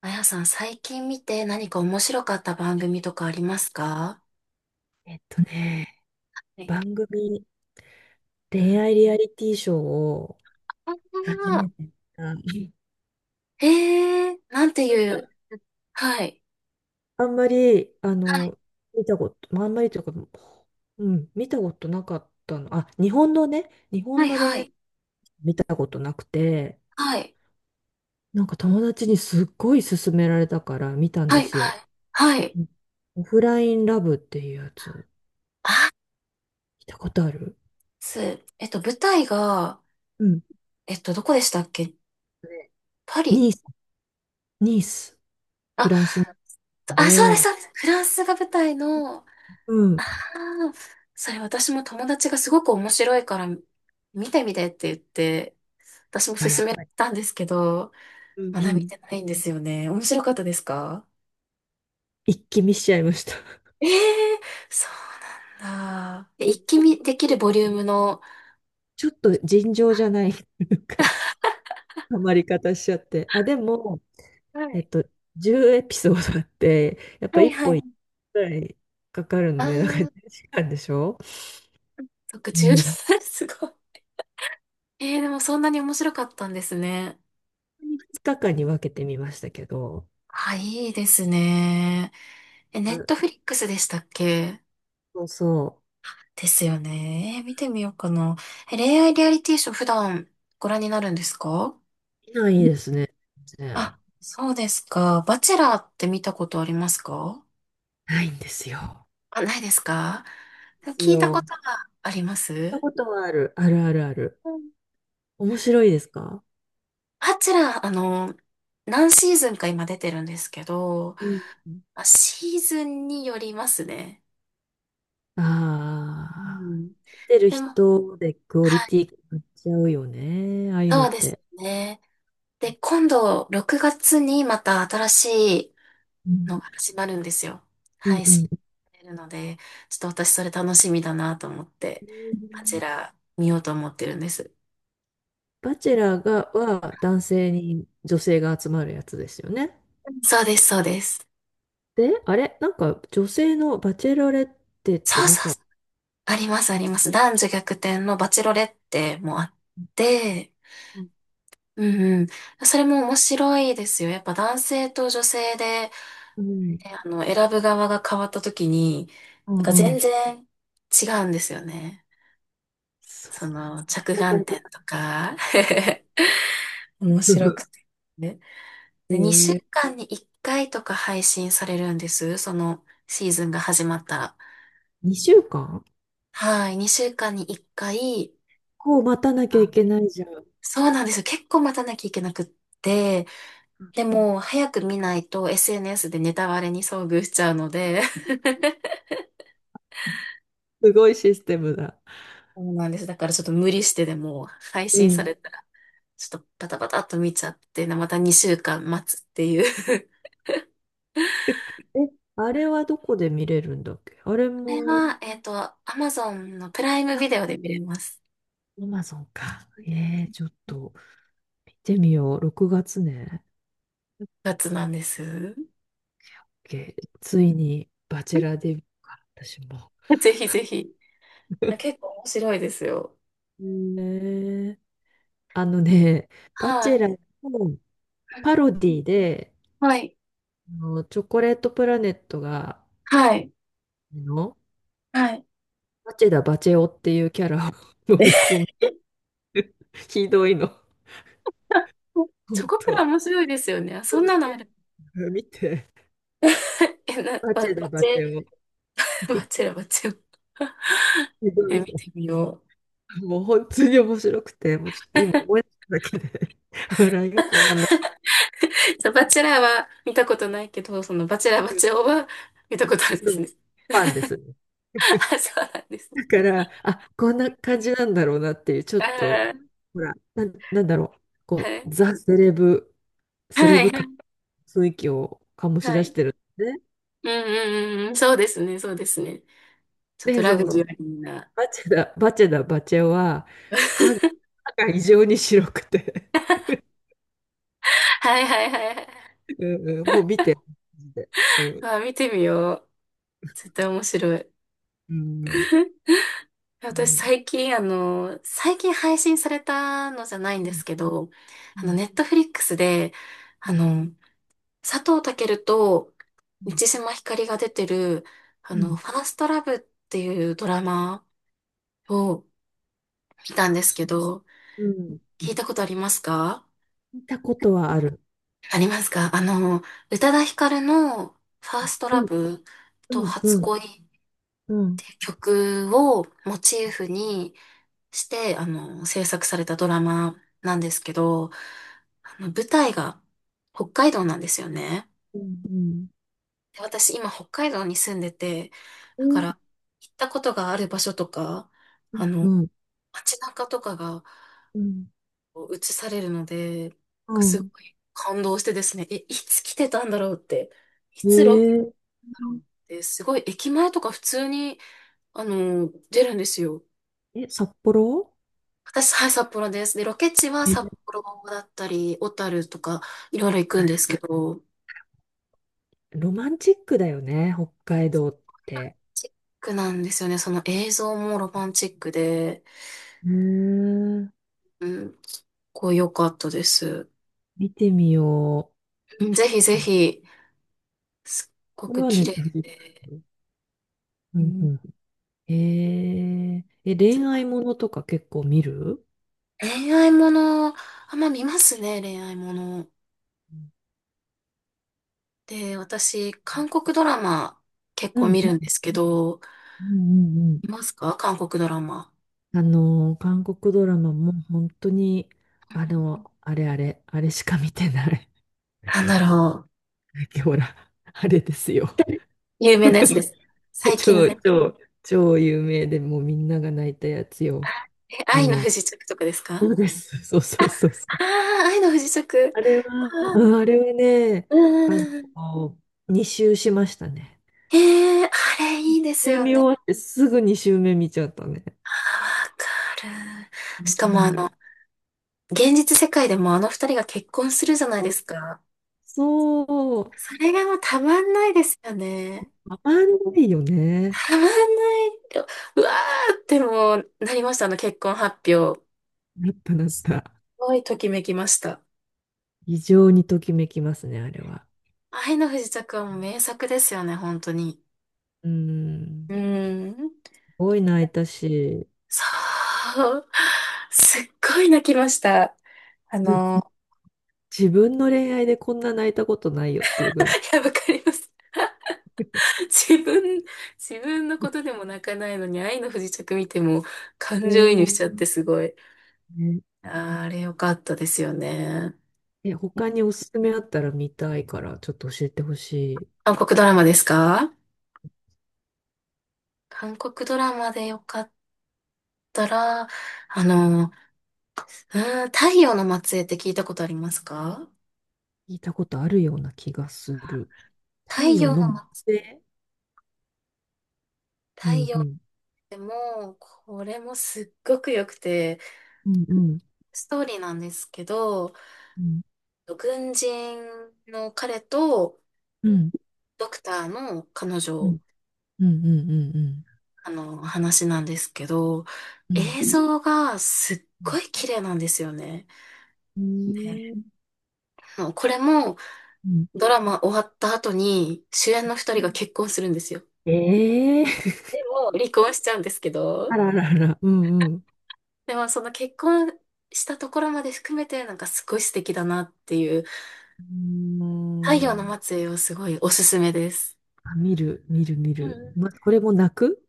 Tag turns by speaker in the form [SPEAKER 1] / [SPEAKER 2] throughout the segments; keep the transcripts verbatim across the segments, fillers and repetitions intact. [SPEAKER 1] あやさん、最近見て何か面白かった番組とかありますか？
[SPEAKER 2] えっとね、
[SPEAKER 1] はい。
[SPEAKER 2] 番組、
[SPEAKER 1] う
[SPEAKER 2] 恋
[SPEAKER 1] ん。
[SPEAKER 2] 愛リアリティショーを初
[SPEAKER 1] あ
[SPEAKER 2] めて見た。なん
[SPEAKER 1] ー、へえ、なんていう、
[SPEAKER 2] か
[SPEAKER 1] はい、
[SPEAKER 2] あんまり、あ
[SPEAKER 1] はい、
[SPEAKER 2] の、見たこと、まああんまりというか、うん、見たことなかったの。あ、日本のね、日
[SPEAKER 1] は
[SPEAKER 2] 本
[SPEAKER 1] い、
[SPEAKER 2] の
[SPEAKER 1] は
[SPEAKER 2] 恋愛
[SPEAKER 1] い、
[SPEAKER 2] 見たことなくて、
[SPEAKER 1] はい、
[SPEAKER 2] なんか友達にすっごい勧められたから見たん
[SPEAKER 1] は
[SPEAKER 2] で
[SPEAKER 1] い、
[SPEAKER 2] す
[SPEAKER 1] は
[SPEAKER 2] よ。
[SPEAKER 1] い、はい。
[SPEAKER 2] うん、オフラインラブっていうやつ、
[SPEAKER 1] あ、
[SPEAKER 2] 見たことある？
[SPEAKER 1] す、えっと、舞台が、
[SPEAKER 2] うん。
[SPEAKER 1] えっと、どこでしたっけ？パリ？
[SPEAKER 2] ニース、ニース、フ
[SPEAKER 1] あ、
[SPEAKER 2] ランスなん
[SPEAKER 1] あ、そうで
[SPEAKER 2] で、
[SPEAKER 1] す、そうです。フランスが舞台の、あ。
[SPEAKER 2] うん。
[SPEAKER 1] あ、それ私も友達がすごく面白いから見てみてって言って、私も
[SPEAKER 2] あ、や
[SPEAKER 1] 勧
[SPEAKER 2] っ
[SPEAKER 1] め
[SPEAKER 2] ぱり。
[SPEAKER 1] たんですけど、
[SPEAKER 2] うん
[SPEAKER 1] 花
[SPEAKER 2] う
[SPEAKER 1] 見
[SPEAKER 2] ん。
[SPEAKER 1] てないんですよね。面白かったですか？
[SPEAKER 2] 一気見しちゃいました。
[SPEAKER 1] ええ、そうなんだ。え一気見できるボリュームの、
[SPEAKER 2] ちょっと尋常じゃない、なんか、ハマり方しちゃって。あ、でも、
[SPEAKER 1] は
[SPEAKER 2] えっ
[SPEAKER 1] い。
[SPEAKER 2] と、じゅうエピソードあって、やっぱ
[SPEAKER 1] はい
[SPEAKER 2] 1
[SPEAKER 1] は
[SPEAKER 2] 本
[SPEAKER 1] い。
[SPEAKER 2] ぐらいかかるので、なんか
[SPEAKER 1] あ
[SPEAKER 2] 1
[SPEAKER 1] あ、
[SPEAKER 2] 時間でしょ？
[SPEAKER 1] 特
[SPEAKER 2] う
[SPEAKER 1] 注
[SPEAKER 2] ん。
[SPEAKER 1] すごい。えー、でもそんなに面白かったんですね。
[SPEAKER 2] ふつかかんに分けてみましたけど、
[SPEAKER 1] あ、いいですね。え、ネ
[SPEAKER 2] う
[SPEAKER 1] ッ
[SPEAKER 2] ん、
[SPEAKER 1] トフリックスでしたっけ？
[SPEAKER 2] そうそ
[SPEAKER 1] ですよね。えー見てみようかな。え、恋愛リアリティショー普段ご覧になるんですか？
[SPEAKER 2] う。いないですね。全然
[SPEAKER 1] あ、そうですか。バチェラーって見たことありますか？
[SPEAKER 2] ないんですよ。
[SPEAKER 1] あ、ないですか？
[SPEAKER 2] で
[SPEAKER 1] でも
[SPEAKER 2] す
[SPEAKER 1] 聞いた
[SPEAKER 2] よ。
[SPEAKER 1] こ
[SPEAKER 2] 行っ
[SPEAKER 1] とがありま
[SPEAKER 2] た
[SPEAKER 1] す。
[SPEAKER 2] ことはある。あるあるある。
[SPEAKER 1] うん。
[SPEAKER 2] 面白いですか？
[SPEAKER 1] あちら、あの、何シーズンか今出てるんですけど、
[SPEAKER 2] うん。
[SPEAKER 1] あ、シーズンによりますね。う
[SPEAKER 2] ああ。
[SPEAKER 1] ん。
[SPEAKER 2] てる
[SPEAKER 1] でも、
[SPEAKER 2] 人でクオリ
[SPEAKER 1] はい、
[SPEAKER 2] ティ変わっちゃうよね。ああいうの
[SPEAKER 1] そ
[SPEAKER 2] っ
[SPEAKER 1] うです
[SPEAKER 2] て。
[SPEAKER 1] ね。で、今度、ろくがつにまた新しい
[SPEAKER 2] うん。
[SPEAKER 1] のが始まるんですよ。
[SPEAKER 2] うん
[SPEAKER 1] 配
[SPEAKER 2] う
[SPEAKER 1] 信
[SPEAKER 2] ん。
[SPEAKER 1] されるので、ちょっと私それ楽しみだなと思って、あちら見ようと思ってるんです。
[SPEAKER 2] バチェラーが、は男性に女性が集まるやつですよね。
[SPEAKER 1] そうです、そうです。
[SPEAKER 2] で、あれなんか女性のバチェロレッテって
[SPEAKER 1] そう
[SPEAKER 2] な
[SPEAKER 1] そう。
[SPEAKER 2] かった？
[SPEAKER 1] ありますあります。男女逆転のバチロレッテもあって、
[SPEAKER 2] うん。
[SPEAKER 1] うんうん。それも面白いですよ。やっぱ男性と女性で、
[SPEAKER 2] う
[SPEAKER 1] え、あの、選ぶ側が変わった時に、な
[SPEAKER 2] ん
[SPEAKER 1] んか
[SPEAKER 2] う
[SPEAKER 1] 全
[SPEAKER 2] ん。
[SPEAKER 1] 然違うんですよね。
[SPEAKER 2] そう
[SPEAKER 1] そ
[SPEAKER 2] なんで
[SPEAKER 1] の、
[SPEAKER 2] す。
[SPEAKER 1] 着
[SPEAKER 2] だか
[SPEAKER 1] 眼
[SPEAKER 2] らかな。
[SPEAKER 1] 点とか。面白 くて。ね。で、2週
[SPEAKER 2] え、
[SPEAKER 1] 間にいっかいとか配信されるんです。そのシーズンが始まったら。
[SPEAKER 2] にしゅうかん
[SPEAKER 1] はい。にしゅうかんにいっかい、
[SPEAKER 2] こう待たなきゃいけないじゃん。
[SPEAKER 1] そうなんですよ。結構待たなきゃいけなくって、で
[SPEAKER 2] ん、
[SPEAKER 1] も早く見ないと エスエヌエス でネタバレに遭遇しちゃうので、
[SPEAKER 2] すごいシステムだ。
[SPEAKER 1] そうなんです。だからちょっと無理してでも配
[SPEAKER 2] う
[SPEAKER 1] 信さ
[SPEAKER 2] ん。
[SPEAKER 1] れたら、ちょっとパタパタっと見ちゃって、またにしゅうかん待つっていう。
[SPEAKER 2] え、あれはどこで見れるんだっけ、あれ
[SPEAKER 1] これ
[SPEAKER 2] も。
[SPEAKER 1] は、えっと、Amazon のプライムビデオで見れます。
[SPEAKER 2] アマゾンか。えー、ちょっと見てみよう。ろくがつね。
[SPEAKER 1] やつなんです。
[SPEAKER 2] けついにバチェラー デビューか、私も。
[SPEAKER 1] ぜひぜひ。結構面白いですよ。
[SPEAKER 2] えー、あのね、バ
[SPEAKER 1] は
[SPEAKER 2] チェ
[SPEAKER 1] い。
[SPEAKER 2] ラーのパロディで、
[SPEAKER 1] はい。
[SPEAKER 2] あのチョコレートプラネットが、
[SPEAKER 1] はい。
[SPEAKER 2] あの、
[SPEAKER 1] はい。
[SPEAKER 2] バチェダ・バチェ男っていうキャラを 飲み込ん でる、ひどいの。
[SPEAKER 1] チョ
[SPEAKER 2] 本
[SPEAKER 1] コプラ
[SPEAKER 2] 当
[SPEAKER 1] 面白いですよね。そんな
[SPEAKER 2] す
[SPEAKER 1] のあ
[SPEAKER 2] げ
[SPEAKER 1] る。
[SPEAKER 2] え見て。
[SPEAKER 1] え、な、
[SPEAKER 2] バ
[SPEAKER 1] ば、
[SPEAKER 2] チェダ・
[SPEAKER 1] バ
[SPEAKER 2] バ
[SPEAKER 1] チェ、
[SPEAKER 2] チェ男。
[SPEAKER 1] バチェラ、バチェラ。
[SPEAKER 2] ひどい。
[SPEAKER 1] え、見てみよう。
[SPEAKER 2] もう本当に面白くて、もうちょっと今思い出しただけで 笑いが止 まんなく
[SPEAKER 1] そう、バチェラーは見たことないけど、そのバチェラー、バ
[SPEAKER 2] て、
[SPEAKER 1] チェ男は見たことあるんで
[SPEAKER 2] そ
[SPEAKER 1] す
[SPEAKER 2] う、
[SPEAKER 1] ね。
[SPEAKER 2] ファンですね。
[SPEAKER 1] あ、そうなんですね。
[SPEAKER 2] だから、あ、こんな感じなんだろうなっていう、ちょ
[SPEAKER 1] あ
[SPEAKER 2] っと、
[SPEAKER 1] ー。
[SPEAKER 2] ほら、なん、なんだろう、
[SPEAKER 1] は
[SPEAKER 2] こう、
[SPEAKER 1] い。
[SPEAKER 2] ザ・セレブ、セレ
[SPEAKER 1] はい、
[SPEAKER 2] ブ
[SPEAKER 1] は
[SPEAKER 2] 感、
[SPEAKER 1] い、
[SPEAKER 2] 雰囲気を醸し
[SPEAKER 1] は
[SPEAKER 2] 出し
[SPEAKER 1] い。
[SPEAKER 2] てるんですね。
[SPEAKER 1] うんうんうんうん、そうですね、そうですね。ちょっと
[SPEAKER 2] で、
[SPEAKER 1] ラ
[SPEAKER 2] そ
[SPEAKER 1] グジ
[SPEAKER 2] の、
[SPEAKER 1] ュアリーな。
[SPEAKER 2] バチェダ、バチェダ、バチェは、歯が、歯が異常に白くて
[SPEAKER 1] はいはいはいはい。
[SPEAKER 2] うんうん、もう見て、マジで。うん、
[SPEAKER 1] まあ見てみよう。絶対面白い。
[SPEAKER 2] うん、う
[SPEAKER 1] 私、
[SPEAKER 2] ん、
[SPEAKER 1] 最近、あの、最近配信されたのじゃないん
[SPEAKER 2] う
[SPEAKER 1] で
[SPEAKER 2] ん、
[SPEAKER 1] すけど、
[SPEAKER 2] う
[SPEAKER 1] あの、
[SPEAKER 2] ん、
[SPEAKER 1] ネットフリックスで、
[SPEAKER 2] う
[SPEAKER 1] あ
[SPEAKER 2] ん、う
[SPEAKER 1] の、佐藤健と満
[SPEAKER 2] ん。
[SPEAKER 1] 島ひかりが出てる、あ
[SPEAKER 2] う
[SPEAKER 1] の、
[SPEAKER 2] ん、
[SPEAKER 1] ファーストラブっていうドラマを見たんで
[SPEAKER 2] あ、
[SPEAKER 1] すけど、
[SPEAKER 2] うん。
[SPEAKER 1] 聞いたことありますか？
[SPEAKER 2] 見たことはある。
[SPEAKER 1] ありますか？あの、宇多田ヒカルのファースト
[SPEAKER 2] う
[SPEAKER 1] ラ
[SPEAKER 2] ん、
[SPEAKER 1] ブと
[SPEAKER 2] うん、
[SPEAKER 1] 初
[SPEAKER 2] うん、
[SPEAKER 1] 恋っ
[SPEAKER 2] うん、
[SPEAKER 1] ていう曲をモチーフに、して、あの、制作されたドラマなんですけど、あの、舞台が北海道なんですよね。
[SPEAKER 2] うん、うん、
[SPEAKER 1] で私、今、北海道に住んでて、
[SPEAKER 2] う
[SPEAKER 1] だか
[SPEAKER 2] ん、
[SPEAKER 1] ら、行ったことがある場所とか、あ
[SPEAKER 2] う
[SPEAKER 1] の、
[SPEAKER 2] ん、
[SPEAKER 1] 街中とかが
[SPEAKER 2] うん、
[SPEAKER 1] こう映されるので、
[SPEAKER 2] う
[SPEAKER 1] すご
[SPEAKER 2] ん、
[SPEAKER 1] い感動してですね、え、いつ来てたんだろうって、いつロケ
[SPEAKER 2] ね
[SPEAKER 1] だろうって、すごい駅前とか普通に、あの、出るんですよ。
[SPEAKER 2] え、え、札幌？
[SPEAKER 1] 私、はい、札幌です。で、ロケ地は
[SPEAKER 2] え、
[SPEAKER 1] 札幌だったり、小樽とか、いろいろ行くんですけど、ロ
[SPEAKER 2] ロマンチックだよね、北海道っ
[SPEAKER 1] マン
[SPEAKER 2] て。
[SPEAKER 1] チックなんですよね。その映像もロマンチックで、
[SPEAKER 2] へえ、
[SPEAKER 1] うん、すっごい良かったです。
[SPEAKER 2] 見てみよ
[SPEAKER 1] うん、ぜひぜ
[SPEAKER 2] う。あ、
[SPEAKER 1] ひ、すっご
[SPEAKER 2] これ
[SPEAKER 1] く
[SPEAKER 2] はネ
[SPEAKER 1] 綺
[SPEAKER 2] ットフ
[SPEAKER 1] 麗
[SPEAKER 2] リック
[SPEAKER 1] で。
[SPEAKER 2] ス。う
[SPEAKER 1] う
[SPEAKER 2] んう
[SPEAKER 1] ん。
[SPEAKER 2] ん。ええ、え、恋愛ものとか結構見る？
[SPEAKER 1] 恋愛もの、あんま見ますね、恋愛もの。
[SPEAKER 2] うん
[SPEAKER 1] で、私、韓国ドラマ結
[SPEAKER 2] う
[SPEAKER 1] 構
[SPEAKER 2] ん
[SPEAKER 1] 見るんですけど、
[SPEAKER 2] うんうんう
[SPEAKER 1] 見
[SPEAKER 2] ん、
[SPEAKER 1] ますか？韓国ドラマ。
[SPEAKER 2] あの、韓国ドラマも本当に、あの、あれあれ、あれしか見てない。
[SPEAKER 1] なんだろう。
[SPEAKER 2] ほら、あれですよ。
[SPEAKER 1] 有名なやつです。最近の。
[SPEAKER 2] 超、超、超有名で、もうみんなが泣いたやつよ。
[SPEAKER 1] え、
[SPEAKER 2] あ
[SPEAKER 1] 愛の
[SPEAKER 2] の、
[SPEAKER 1] 不時着とかですか？
[SPEAKER 2] そうです。そう
[SPEAKER 1] あ、
[SPEAKER 2] そ
[SPEAKER 1] あ。
[SPEAKER 2] うそうそう。
[SPEAKER 1] あ、愛の不時着。
[SPEAKER 2] あれ
[SPEAKER 1] あ
[SPEAKER 2] は、
[SPEAKER 1] ー、
[SPEAKER 2] うん、あれはね、あ
[SPEAKER 1] うん。
[SPEAKER 2] の、に周しましたね。
[SPEAKER 1] えー、あれ
[SPEAKER 2] に
[SPEAKER 1] いいです
[SPEAKER 2] 周
[SPEAKER 1] よ
[SPEAKER 2] 見
[SPEAKER 1] ね。
[SPEAKER 2] 終わってすぐに周目見ちゃったね。
[SPEAKER 1] あー、わかる。
[SPEAKER 2] う
[SPEAKER 1] しかもあ
[SPEAKER 2] ん、
[SPEAKER 1] の、現実世界でもあの二人が結婚するじゃないですか。
[SPEAKER 2] そう、
[SPEAKER 1] それがもうたまんないですよね。
[SPEAKER 2] たまんないよね。
[SPEAKER 1] たまんない。うわーってもうなりました、あの結婚発表。す
[SPEAKER 2] なったなった。
[SPEAKER 1] ごいときめきました。
[SPEAKER 2] 非常にときめきますね、あれは。
[SPEAKER 1] 愛の不時着はもう名作ですよね、本当に。
[SPEAKER 2] う
[SPEAKER 1] う
[SPEAKER 2] ん。
[SPEAKER 1] ん。
[SPEAKER 2] すごい泣いたし、
[SPEAKER 1] そう。すっごい泣きました。あ
[SPEAKER 2] ず
[SPEAKER 1] の、
[SPEAKER 2] 自分の恋愛でこんな泣いたことないよっていうぐらい。
[SPEAKER 1] いや、わかります。自分、自分のことでも泣かないのに、愛の不時着見ても
[SPEAKER 2] え
[SPEAKER 1] 感情移
[SPEAKER 2] ー、
[SPEAKER 1] 入しちゃってすごい。
[SPEAKER 2] ね
[SPEAKER 1] あー、あれ良かったですよね。
[SPEAKER 2] え、他におすすめあったら見たいから、ちょっと教えてほし
[SPEAKER 1] 韓国ドラマですか？韓国ドラマで良かったら、あの、うーん、太陽の末裔って聞いたことありますか？
[SPEAKER 2] い。聞いたことあるような気がする。太
[SPEAKER 1] 太
[SPEAKER 2] 陽
[SPEAKER 1] 陽
[SPEAKER 2] の
[SPEAKER 1] の
[SPEAKER 2] 惑
[SPEAKER 1] ま、
[SPEAKER 2] 星？う
[SPEAKER 1] 太
[SPEAKER 2] ん
[SPEAKER 1] 陽
[SPEAKER 2] う
[SPEAKER 1] っ
[SPEAKER 2] ん。
[SPEAKER 1] てもう、これもすっごく良くて、
[SPEAKER 2] うんうん
[SPEAKER 1] ストーリーなんですけど、
[SPEAKER 2] うん
[SPEAKER 1] 軍人の彼と
[SPEAKER 2] うん
[SPEAKER 1] ドクターの彼
[SPEAKER 2] う
[SPEAKER 1] 女、
[SPEAKER 2] んうんうんうん
[SPEAKER 1] あの、話なんですけど、
[SPEAKER 2] うん
[SPEAKER 1] 映像がすっごい綺麗なんですよね。
[SPEAKER 2] うん
[SPEAKER 1] ね。あのこれも
[SPEAKER 2] うん、
[SPEAKER 1] ドラマ終わった後に主演の二人が結婚するんですよ。
[SPEAKER 2] ええー、
[SPEAKER 1] でも離婚しちゃうんですけ
[SPEAKER 2] あ
[SPEAKER 1] ど、
[SPEAKER 2] ららら、うんうん。
[SPEAKER 1] でもその結婚したところまで含めてなんかすごい素敵だなっていう、
[SPEAKER 2] うー
[SPEAKER 1] 太陽
[SPEAKER 2] ん、
[SPEAKER 1] の末裔をすごいおすすめです。
[SPEAKER 2] あ、見る、見る、見
[SPEAKER 1] う
[SPEAKER 2] る。
[SPEAKER 1] ん。
[SPEAKER 2] ま、これも泣く？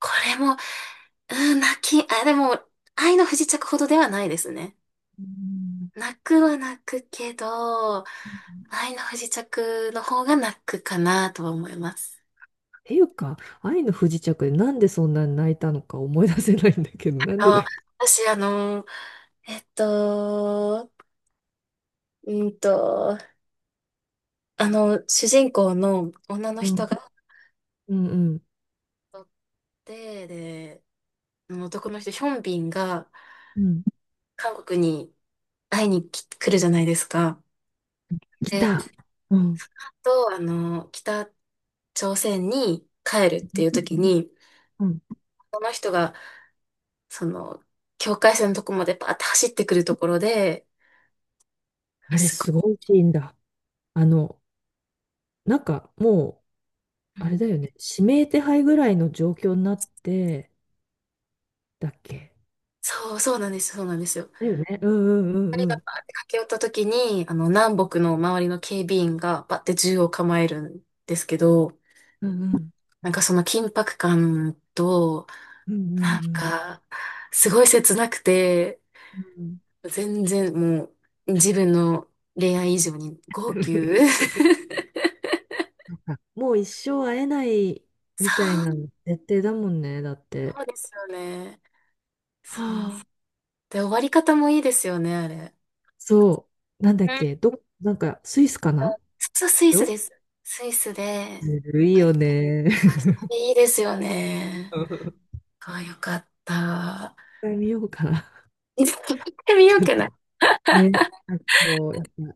[SPEAKER 1] これも、うん、泣き、あ、でも、愛の不時着ほどではないですね。
[SPEAKER 2] うん、
[SPEAKER 1] 泣くは泣くけど、
[SPEAKER 2] っ
[SPEAKER 1] 愛の不時着の方が泣くかなとは思います。
[SPEAKER 2] ていうか、愛の不時着でなんでそんなに泣いたのか思い出せないんだけど、なんでだ
[SPEAKER 1] あ、
[SPEAKER 2] っけ？
[SPEAKER 1] 私、あの、えっと、うんと、あの、主人公の女の
[SPEAKER 2] う
[SPEAKER 1] 人が
[SPEAKER 2] ん
[SPEAKER 1] あ
[SPEAKER 2] うんうん。
[SPEAKER 1] て、で、あの男の人、ヒョンビンが
[SPEAKER 2] うん、
[SPEAKER 1] 韓国に会いに来来るじゃないですか。
[SPEAKER 2] 来
[SPEAKER 1] で、
[SPEAKER 2] た。うん
[SPEAKER 1] と、あの、北朝鮮に帰るっていう時に、
[SPEAKER 2] うん、
[SPEAKER 1] この人が、その、境界線のとこまでパーって走ってくるところで、
[SPEAKER 2] あれ、
[SPEAKER 1] すご
[SPEAKER 2] す
[SPEAKER 1] い、
[SPEAKER 2] ごいシーンだ。あの、なんかも
[SPEAKER 1] う
[SPEAKER 2] う、あれだ
[SPEAKER 1] ん、
[SPEAKER 2] よね。指名手配ぐらいの状況になって、だっけ？
[SPEAKER 1] そう、そうなんですよ、そうなんですよ。
[SPEAKER 2] だよね。うんうんう
[SPEAKER 1] 二人
[SPEAKER 2] んう
[SPEAKER 1] が
[SPEAKER 2] ん。
[SPEAKER 1] パーって駆け寄った時に、あの、南北の周りの警備員がパーって銃を構えるんですけど、
[SPEAKER 2] うんうん
[SPEAKER 1] なんかその緊迫感と、
[SPEAKER 2] う
[SPEAKER 1] なん
[SPEAKER 2] ん
[SPEAKER 1] か、すごい切なくて、
[SPEAKER 2] うんうん。うん、
[SPEAKER 1] 全然もう、自分の恋愛以上に号泣。
[SPEAKER 2] あもう一生会えない
[SPEAKER 1] そ
[SPEAKER 2] みたいな
[SPEAKER 1] う、
[SPEAKER 2] 設定だもんね、だっ て。
[SPEAKER 1] そうですよね。そ
[SPEAKER 2] は
[SPEAKER 1] う。
[SPEAKER 2] あ、
[SPEAKER 1] で、終わり方もいいですよね、あれ。
[SPEAKER 2] そう、なんだっけ、ど、なんかスイスかな？
[SPEAKER 1] そう、ス
[SPEAKER 2] で
[SPEAKER 1] イ
[SPEAKER 2] し
[SPEAKER 1] ス
[SPEAKER 2] ょ？
[SPEAKER 1] です。スイスで、
[SPEAKER 2] ずるい
[SPEAKER 1] あ、い
[SPEAKER 2] よね。
[SPEAKER 1] いですよね。
[SPEAKER 2] 一
[SPEAKER 1] あ、よかった。
[SPEAKER 2] 回見ようかな。
[SPEAKER 1] いつか行ってみよう
[SPEAKER 2] ちょっ
[SPEAKER 1] か
[SPEAKER 2] と
[SPEAKER 1] な。ち
[SPEAKER 2] ね、なんかこう、やっぱ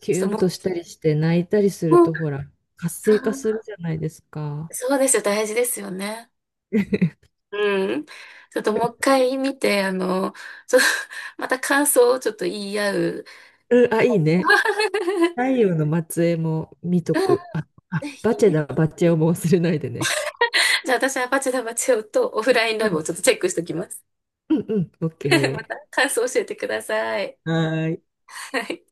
[SPEAKER 2] キ
[SPEAKER 1] っと
[SPEAKER 2] ュンと
[SPEAKER 1] も
[SPEAKER 2] したりして泣いたりす
[SPEAKER 1] う、
[SPEAKER 2] る
[SPEAKER 1] もう、
[SPEAKER 2] と、ほら、活
[SPEAKER 1] そう、
[SPEAKER 2] 性化するじゃないですか。
[SPEAKER 1] そうですよ。大事ですよね。うん。ちょっともう一回見て、あの、ちょっと、また感想をちょっと言い合う。
[SPEAKER 2] うん、あ、いいね。太陽の末裔も見とく。あ、あ、
[SPEAKER 1] ぜ
[SPEAKER 2] バチェ
[SPEAKER 1] ひ。
[SPEAKER 2] だ、バチェをも忘れないでね。
[SPEAKER 1] じゃあ私はバチェラバチェ男とオフライン
[SPEAKER 2] う
[SPEAKER 1] ラブを
[SPEAKER 2] ん、
[SPEAKER 1] ちょっとチェックしておきます。
[SPEAKER 2] うん、うん、オッ
[SPEAKER 1] また
[SPEAKER 2] ケ
[SPEAKER 1] 感想教えてください。
[SPEAKER 2] ー。はーい。
[SPEAKER 1] はい。